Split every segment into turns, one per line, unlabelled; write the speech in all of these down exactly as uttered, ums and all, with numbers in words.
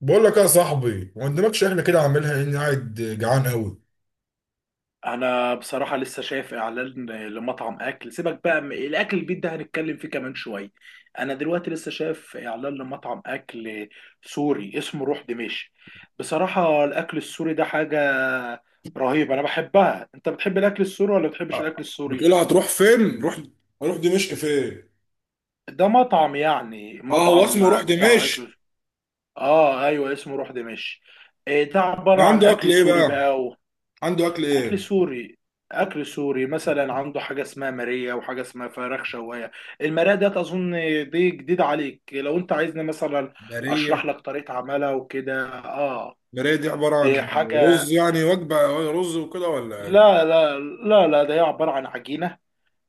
بقول لك إيه يا صاحبي ما قدامكش احنا كده عاملها اني قاعد جعان قوي.
انا بصراحه لسه شايف اعلان لمطعم اكل. سيبك بقى من- الاكل البيت ده هنتكلم فيه كمان شويه. انا دلوقتي لسه شايف اعلان لمطعم اكل سوري اسمه روح دمشق. بصراحه الاكل السوري ده حاجه رهيبه انا بحبها. انت بتحب الاكل السوري ولا بتحبش الاكل السوري؟
بتقولها هتروح فين؟ روح هروح دمشق فين؟
ده مطعم، يعني
اه، هو اسمه روح
مطعم بتاع
دمشق.
اكل. اه ايوه، اسمه روح دمشق. إيه ده؟ عباره
ده
عن
عنده اكل
اكل
ايه
سوري بقى.
بقى؟ عنده اكل
اكل
ايه؟
سوري اكل سوري مثلا، عنده حاجه اسمها ماريه وحاجه اسمها فراخ شوايه. الماريه ده اظن دي جديده عليك، لو انت عايزني مثلا اشرح
بريه.
لك طريقه عملها وكده اه
بريه دي عباره عن
دي
إيه؟
حاجه.
رز يعني وجبه، رز وكده ولا ايه؟
لا لا لا لا، ده هي عباره عن عجينه.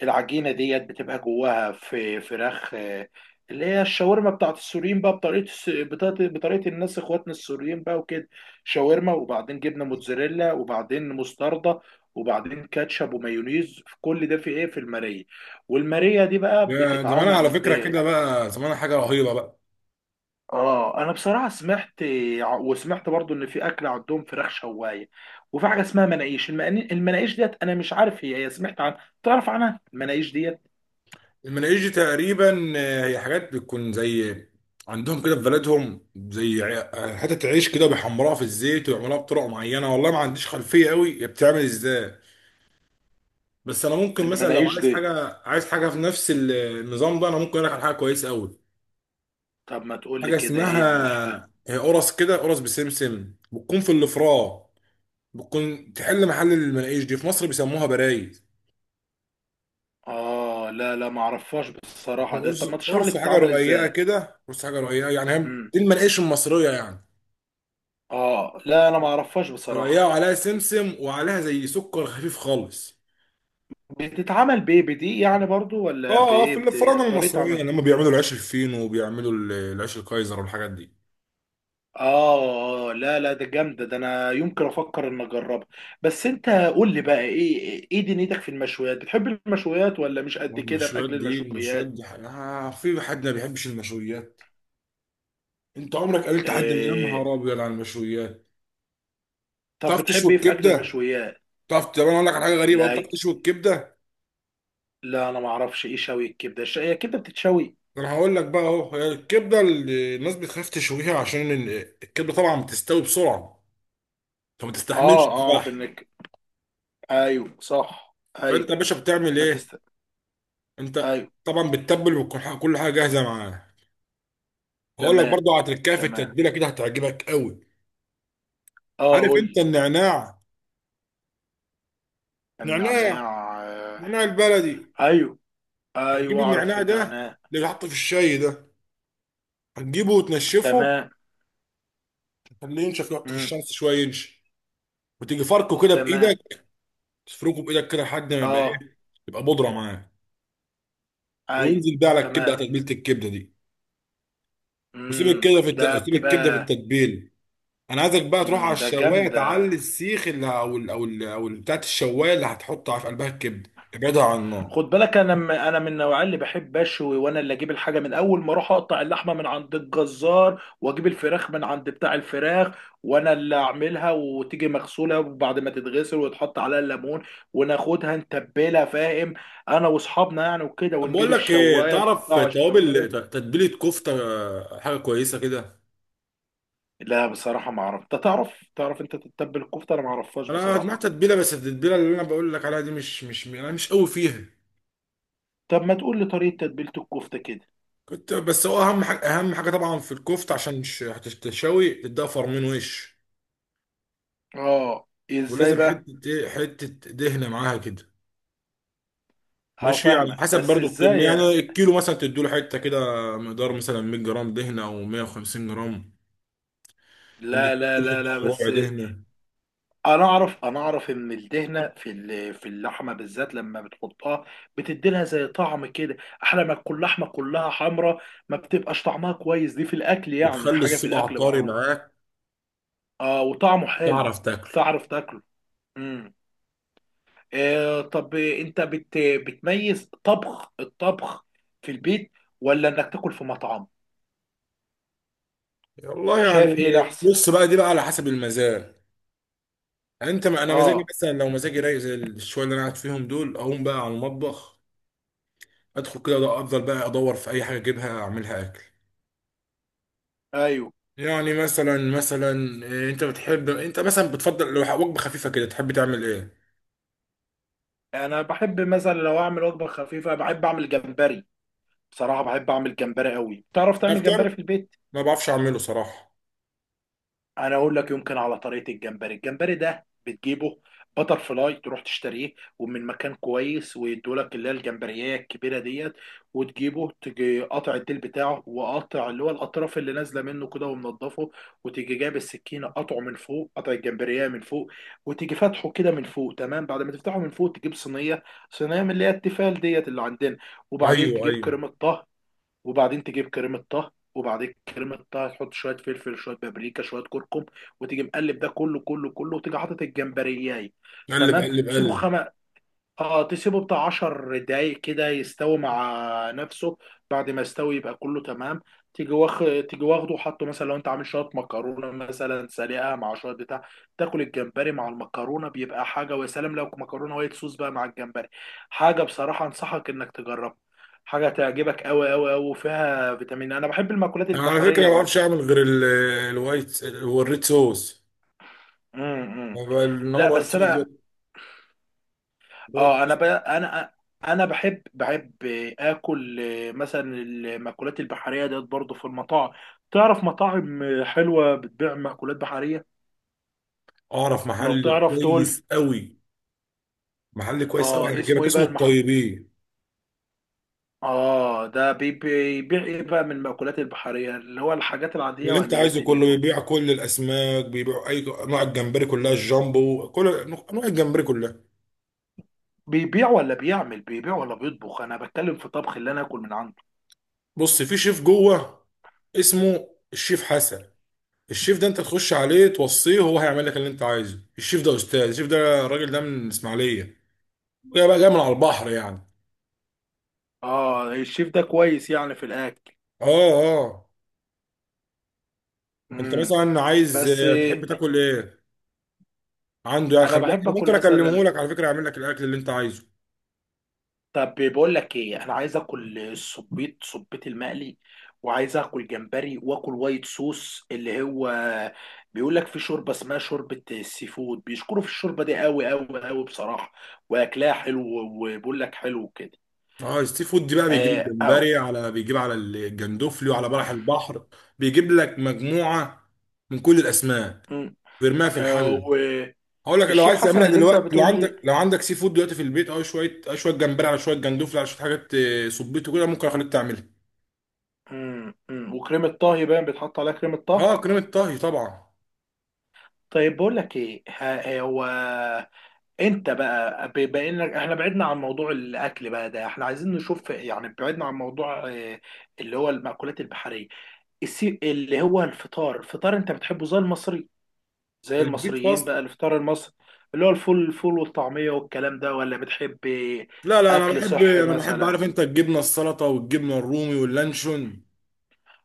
العجينه ديت بتبقى جواها في فراخ، آه، اللي هي الشاورما بتاعت السوريين بقى، بطريقه الس- بطريقه بطريقة الناس اخواتنا السوريين بقى وكده. شاورما وبعدين جبنه موتزاريلا وبعدين مستردة وبعدين كاتشب ومايونيز. في كل ده، في ايه؟ في الماريه. والماريه دي بقى
يا زمان على
بتتعمل
فكره
ب.
كده، بقى زمان حاجه رهيبه بقى.
اه انا بصراحه سمعت وسمعت برضو ان في اكل عندهم فراخ شوايه، وفي حاجه اسمها مناقيش. المناقيش المناقيش ديت انا مش عارف. هي هي سمعت عن، تعرف عنها المناقيش ديت؟
المناهيج دي تقريبا آه، هي حاجات بتكون زي عندهم كده في بلدهم، زي ع- حتة عيش كده بيحمروها في الزيت ويعملوها بطرق معينة، والله ما عنديش خلفية قوي هي بتعمل ازاي. بس انا ممكن مثلا لو
المناقيش
عايز
دي.
حاجة عايز حاجة في نفس ال- النظام ده انا ممكن اقول لك على حاجة كويسة قوي.
طب ما تقول لي
حاجة
كده، ايه الح...
اسمها، هي قرص كده، قرص بسمسم بتكون في الفراء، بتكون تحل محل المناقيش دي، في مصر بيسموها برايز.
اه لا لا ما اعرفهاش بصراحه
بتكون
ده.
قرص،
طب ما تشرح لي
قرص حاجة
بتتعمل
رقيقة
ازاي؟
كده، قرص حاجة رقيقة يعني، هي
امم
دي المناقيش المصرية يعني،
اه لا انا ما اعرفهاش بصراحه.
رقيقة وعليها سمسم وعليها زي سكر خفيف خالص.
بتتعمل بايه بدي يعني برضو، ولا
اه اه،
بايه
في
بت...
الفراعنه
طريقه
المصريين
عمل.
لما بيعملوا العيش الفينو وبيعملوا ال- العيش الكايزر والحاجات دي.
اه اه لا لا ده جامده ده، انا يمكن افكر ان اجربها. بس انت قول لي بقى، ايه ايه دنيتك في المشويات؟ بتحب المشويات ولا مش قد كده في اكل
والمشويات دي، المشويات
المشويات؟
دي حاجة. آه في حد ما بيحبش المشويات؟ انت عمرك قابلت حد يا
إيه...
نهار ابيض على المشويات؟
طب
تعرف تشوي
بتحب ايه في اكل
الكبده؟
المشويات؟
تعرف طب انا اقول لك على حاجه غريبه، أهو،
لا
بتعرف تشوي الكبده؟
لا، انا ما اعرفش ايه شوي الكبده. الش- هي الكبده بتتشوي؟
انا هقول لك بقى، اهو هي الكبده اللي الناس بتخاف تشويها عشان ال- الكبده طبعا بتستوي بسرعه، فما تستحملش
اه اعرف
الفحم.
انك، ايوه صح،
فانت
ايوه.
يا باشا بتعمل
ما
ايه؟
تست.
انت
ايوه.
طبعا بتتبل، وكل حاجه كل حاجة جاهزه معاه. هقول لك
تمام
برضو على تركايه في
تمام.
التتبيله كده، هتعجبك قوي.
اه
عارف
قول
انت
لي.
النعناع؟ نعناع
النعناع، آه،
نعناع البلدي،
ايوه
هتجيب
ايوه اعرف
النعناع ده اللي
النعناع.
بيتحط في الشاي ده، هتجيبه وتنشفه،
تمام.
تخليه ينشف، يحطه في
امم
الشمس شويه ينشف، وتيجي فركه كده
تمام.
بايدك، تفركه بايدك كده لحد ما يبقى
اه
ايه، يبقى بودره معاه،
ايوه
وانزل بقى على الكبده،
تمام.
على تتبيله الكبده دي. وسيب
امم
الكبده في الت...
ده
سيب الكبده في
بتبقى.
التتبيله. انا عايزك بقى تروح
امم
على
ده
الشوايه،
جامدة.
تعلي السيخ اللي او ال او ال او ال- بتاعت الشوايه اللي هتحطها في قلبها الكبده، ابعدها عن النار.
خد بالك، انا م- انا من النوعيه اللي بحب اشوي، وانا اللي اجيب الحاجه. من اول ما اروح اقطع اللحمه من عند الجزار واجيب الفراخ من عند بتاع الفراخ، وانا اللي اعملها، وتيجي مغسوله وبعد ما تتغسل ويتحط عليها الليمون وناخدها نتبلها، فاهم؟ انا واصحابنا يعني وكده،
طب بقول
ونجيب
لك ايه،
الشوايه
تعرف
نحطها على
توابل ت-
الشوايه.
تتبيله كفته آه، حاجه كويسه كده؟
لا بصراحه ما اعرف. انت تعرف، تعرف انت تتبل الكفته؟ انا ما اعرفهاش
انا
بصراحه.
جمعت تتبيله، بس التتبيله اللي انا بقول لك عليها دي مش مش انا مش قوي فيها.
طب ما تقول لي طريقه تتبيله الكفته كده.
كنت بس هو اهم حاجه اهم حاجه طبعا في الكفته، عشان مش هتشتوي، تديها فرمين وش،
اه ازاي
ولازم
بقى؟
حته ايه، حته دهنه معاها كده. ماشي على
هفهمك
حسب
بس
برضو الكمية،
ازاي.
يعني الكيلو مثلا تديله حتة كده، مقدار مثلا 100 جرام دهنة أو 150 جرام، اللي
لا
كله
لا لا
تديله
لا،
ربع
بس
دهنة.
انا اعرف، انا اعرف ان الدهنه في ال- في اللحمه بالذات لما بتحطها بتدي لها زي طعم كده. احلى ما تكون لحمه كلها حمراء ما بتبقاش طعمها كويس، دي في الاكل يعني
بتخلي
حاجه في
الصبع
الاكل
طري
معروفه.
معاك
اه وطعمه حلو.
وتعرف تاكله.
تعرف تاكله. امم آه طب انت بت بتميز طبخ، الطبخ في البيت ولا انك تاكل في مطعم؟
والله يعني،
شايف ايه الاحسن؟
بص بقى، دي بقى على حسب المزاج. يعني انت، ما انا مزاجي
اه
مثلا، لو مزاجي رايق زي الشويه اللي انا قاعد فيهم دول، اقوم بقى على المطبخ، ادخل كده، ده افضل بقى، ادور في اي حاجه اجيبها اعملها اكل.
ايوه،
يعني مثلا مثلا إيه، انت بتحب انت مثلا بتفضل لو وجبه خفيفه كده تحب تعمل ايه؟
انا بحب مثلا لو اعمل وجبه خفيفه بحب اعمل جمبري. بصراحة بحب أعمل جمبري قوي. تعرف تعمل جمبري
افطر.
في البيت؟
ما بعرفش اعمله صراحه.
أنا أقول لك يمكن على طريقة الجمبري. الجمبري ده بتجيبه بتر فلاي، تروح تشتريه ومن مكان كويس ويدولك اللي هي الجمبرية الكبيرة ديت. وتجيبه تجي قاطع الديل بتاعه وقاطع اللي هو الأطراف اللي نازلة منه كده ومنضفه، وتيجي جايب السكينة قاطعه من فوق، قاطع الجمبرية من فوق، وتيجي فاتحه كده من فوق. تمام، بعد ما تفتحه من فوق تجيب صينية، صينية من اللي هي التيفال ديت اللي عندنا، وبعدين
ايوه
تجيب
ايوه.
كريمة طهي. وبعدين تجيب كريمه طه، وبعدين كريمه طه تحط شويه فلفل شويه بابريكا شويه كركم، وتيجي مقلب ده كله كله كله، وتيجي حاطط الجمبرياي.
قلب
تمام،
قلب
تسيبه
قلب.
خم... اه تسيبه بتاع عشر دقايق كده يستوي مع نفسه. بعد ما يستوي يبقى كله تمام. تيجي واخ، تيجي واخده وحطه. مثلا لو انت عامل شويه مكرونه، مثلا سلقه مع شويه بتاع، تاكل الجمبري مع المكرونه بيبقى حاجه. ويا سلام لو مكرونه وايت صوص بقى مع الجمبري، حاجه بصراحه انصحك انك تجربها. حاجه تعجبك قوي قوي قوي، وفيها فيتامين. انا بحب المأكولات
انا على فكره
البحريه
ما بعرفش
برضو.
اعمل غير ال- الوايت والريد صوص.
امم. امم.
انما
لا
الوايت
بس
صوص دي،
انا.
الوايت
اه انا ب...
صوص-
انا انا بحب بحب اكل مثلا المأكولات البحريه ديت برضه في المطاعم. تعرف مطاعم حلوه بتبيع مأكولات بحريه.
اعرف
لو
محل
تعرف تقول.
كويس قوي، محل كويس قوي
اه اسمه
هيعجبك،
ايه بقى
اسمه
المح...
الطيبين.
اه ده بي- بيبيع ايه بقى من المأكولات البحريه؟ اللي هو الحاجات العاديه
اللي انت
ولا ايه
عايزه كله
دنيته؟
بيبيع، كل الاسماك بيبيع، اي انواع الجمبري كلها، الجامبو، كل انواع الجمبري كلها.
بيبيع ولا بيعمل، بيبيع ولا بيطبخ؟ انا بتكلم في طبخ، اللي انا اكل من عنده.
بص، في شيف جوه اسمه الشيف حسن. الشيف ده انت تخش عليه توصيه، هو هيعمل لك اللي انت عايزه. الشيف ده استاذ، الشيف ده الراجل ده من الاسماعيليه، جاي بقى جاي من على البحر يعني.
اه الشيف ده كويس يعني في الاكل؟
اه اه، انت
امم
مثلا عايز
بس
اه، تحب تاكل ايه عنده يعني؟
انا
خليك،
بحب
انا
اكل
ممكن اكلمه
مثلا.
لك على فكره، يعمل لك الاكل اللي انت عايزه.
طب بقول لك ايه، انا عايز اكل الصبيط، صبيط المقلي، وعايز اكل جمبري واكل وايت صوص. اللي هو بيقول لك في شوربه اسمها شوربه السي فود، بيشكروا في الشوربه دي قوي قوي قوي بصراحه، واكلها حلو. وبيقول لك حلو كده.
اه، السي فود دي بقى بيجيب
آه او
الجمبري، على بيجيب على الجندوفلي، وعلى بلح البحر، بيجيب لك مجموعه من كل الاسماك
مم،
ويرميها في
آه
الحل. هقول لك، لو
والشيف
عايز
حسن
تعملها
اللي انت
دلوقتي، لو
بتقول لي.
عندك، لو عندك سي فود دلوقتي في البيت، او شويه، أو شويه جمبري على شويه جندوفلي على شويه حاجات، آه، صبيته كده، ممكن اخليك تعملها.
مم، مم، وكريمه طهي باين بيتحط عليها كريمه طهي.
اه، كريمه طهي طبعا.
طيب بقول لك ايه، ها- هو انت بقى، ب- بقينا احنا بعدنا عن موضوع الاكل بقى، ده احنا عايزين نشوف، يعني بعدنا عن موضوع، آه، اللي هو المأكولات البحرية. السي... اللي هو الفطار. الفطار انت بتحبه زي المصري، زي
البيك
المصريين
فاست؟
بقى الفطار المصري، اللي هو الفول؟ الفول والطعمية والكلام ده، ولا بتحب
لا لا، انا
اكل
بحب،
صحي
انا بحب
مثلا؟
عارف انت، الجبنه، السلطه والجبنه الرومي واللانشون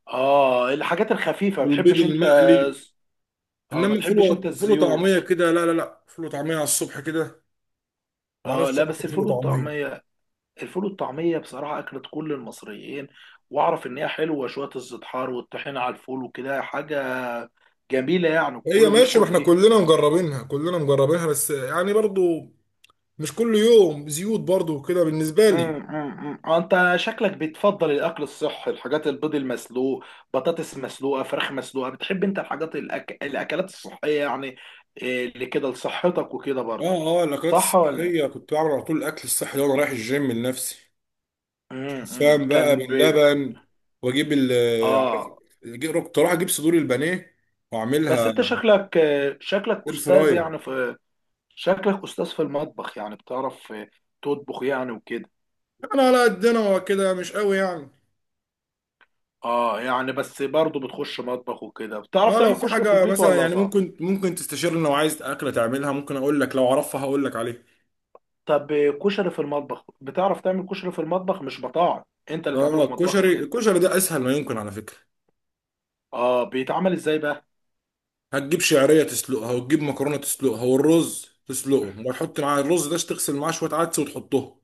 اه الحاجات الخفيفة ما
والبيض
تحبش انت؟
المقلي.
اه ما
انما فول
تحبش انت
و- فول
الزيوت؟
وطعميه كده لا لا لا، فول وطعميه على الصبح كده ما
اه
اعرفش
لا،
اكل
بس
فول
الفول
وطعميه.
والطعمية، الفول والطعمية بصراحة أكلة كل المصريين. وأعرف إن هي حلوة شوية، الزيتحار والطحينة على الفول وكده حاجة جميلة، يعني
هي
كله
ماشي، ما
بيشكر
احنا
فيها.
كلنا مجربينها، كلنا مجربينها، بس يعني برضو مش كل يوم زيوت برضو كده بالنسبه لي.
أمم، أمم، أمم. آه، أنت شكلك بتفضل الأكل الصحي، الحاجات البيض المسلوق، بطاطس مسلوقة، فراخ مسلوقة. بتحب أنت الحاجات الأك... الأكلات الصحية، يعني إيه، اللي كده لصحتك وكده برضه؟
اه اه، الاكلات
صح ولا؟
الصحيه كنت بعمل على طول الاكل الصحي ده وانا رايح الجيم لنفسي.
أمم، أمم.
شوفان بقى
كان بي...
باللبن، واجيب ال آه، عارف،
آه
أجيب- كنت اروح اجيب صدور البانيه
بس
واعملها
أنت شكلك، آه، شكلك
اير
أستاذ
فراير.
يعني في، شكلك استاذ في المطبخ، يعني بتعرف، آه، تطبخ يعني وكده.
انا على قدنا وكده، مش قوي يعني.
اه يعني بس برضه بتخش مطبخ وكده، بتعرف
اه، لو
تعمل
في
كشري في
حاجه
البيت
مثلا
ولا
يعني،
صعب؟
ممكن ممكن تستشيرني، لو عايز اكله تعملها ممكن اقول لك، لو اعرفها هقول لك عليه.
طب، آه، كشري في المطبخ، بتعرف تعمل كشري في المطبخ مش بطاعة، انت اللي تعمله
اه،
في
الكشري
مطبخك انت؟
الكشري ده اسهل ما يمكن على فكره.
اه بيتعمل ازاي بقى؟
هتجيب شعريه تسلقها، وتجيب مكرونه تسلقها، والرز تسلقه، وتحط معاه الرز ده، تغسل معاه شويه عدس وتحطه.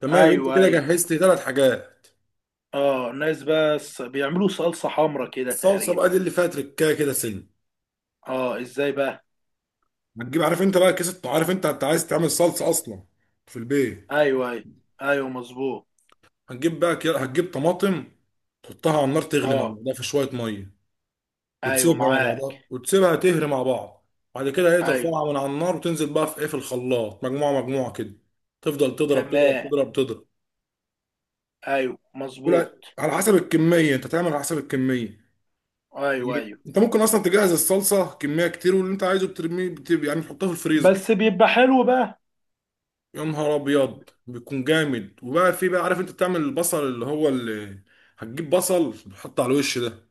تمام، انت
ايوه
كده
ايوه.
جهزت ثلاث حاجات.
اه ناس بس بيعملوا صلصة حمرا كده
الصلصه
تقريبا.
بقى دي اللي فيها تركايه كده سن.
اه ازاي بقى؟
هتجيب عارف انت بقى كيس الط- عارف انت انت عايز تعمل صلصه اصلا في البيت؟
ايوه ايوه. ايوه مظبوط.
هتجيب بقى كي- هتجيب طماطم، تحطها على النار، تغلي مع
اه
بعضها في شويه ميه،
ايوه
وتسيبها مع
معاك.
بعضها، وتسيبها تهري مع بعض. بعد كده هي
ايوه
ترفعها من على النار، وتنزل بقى في ايه، في الخلاط، مجموعه مجموعه كده، تفضل تضرب تضرب
تمام.
تضرب تضرب،
ايوه
تقول
مظبوط.
على حسب الكميه، انت تعمل على حسب الكميه.
ايوه
يعني
ايوه.
انت ممكن اصلا تجهز الصلصه كميه كتير، واللي انت عايزه بترميه بت- يعني تحطها في الفريزر.
بس بيبقى حلو بقى.
يا نهار ابيض، بيكون جامد. وبقى في بقى عارف انت، بتعمل البصل اللي هو، اللي هتجيب بصل تحطه على الوش ده.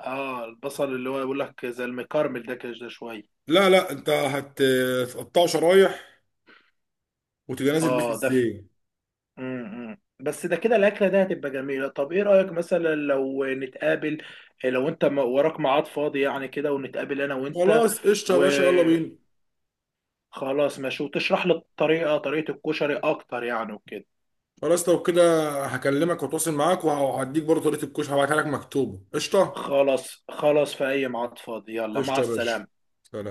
اه البصل اللي هو يقول لك زي المكرمل ده كده، ده شويه.
لا لا، انت هت- هتقطعه شرايح وتبقى نازل بيه في
اه ده ف...
الزيت.
م -م. بس ده كده الاكله ده هتبقى جميله. طب ايه رايك مثلا لو نتقابل، إيه، لو انت م- وراك ميعاد فاضي يعني كده، ونتقابل انا وانت؟
خلاص، قشطه يا باشا، يلا
وخلاص.
بينا.
ماشي، وتشرح لي الطريقه، طريقه الكشري اكتر يعني وكده.
خلاص، لو كده هكلمك واتواصل معاك، وهديك برضه طريقه الكشك، هبعتها لك مكتوبه. قشطه.
خلاص خلاص، في اي ميعاد فاضي. يلا مع
قشطه يا باشا،
السلامه.
سلام.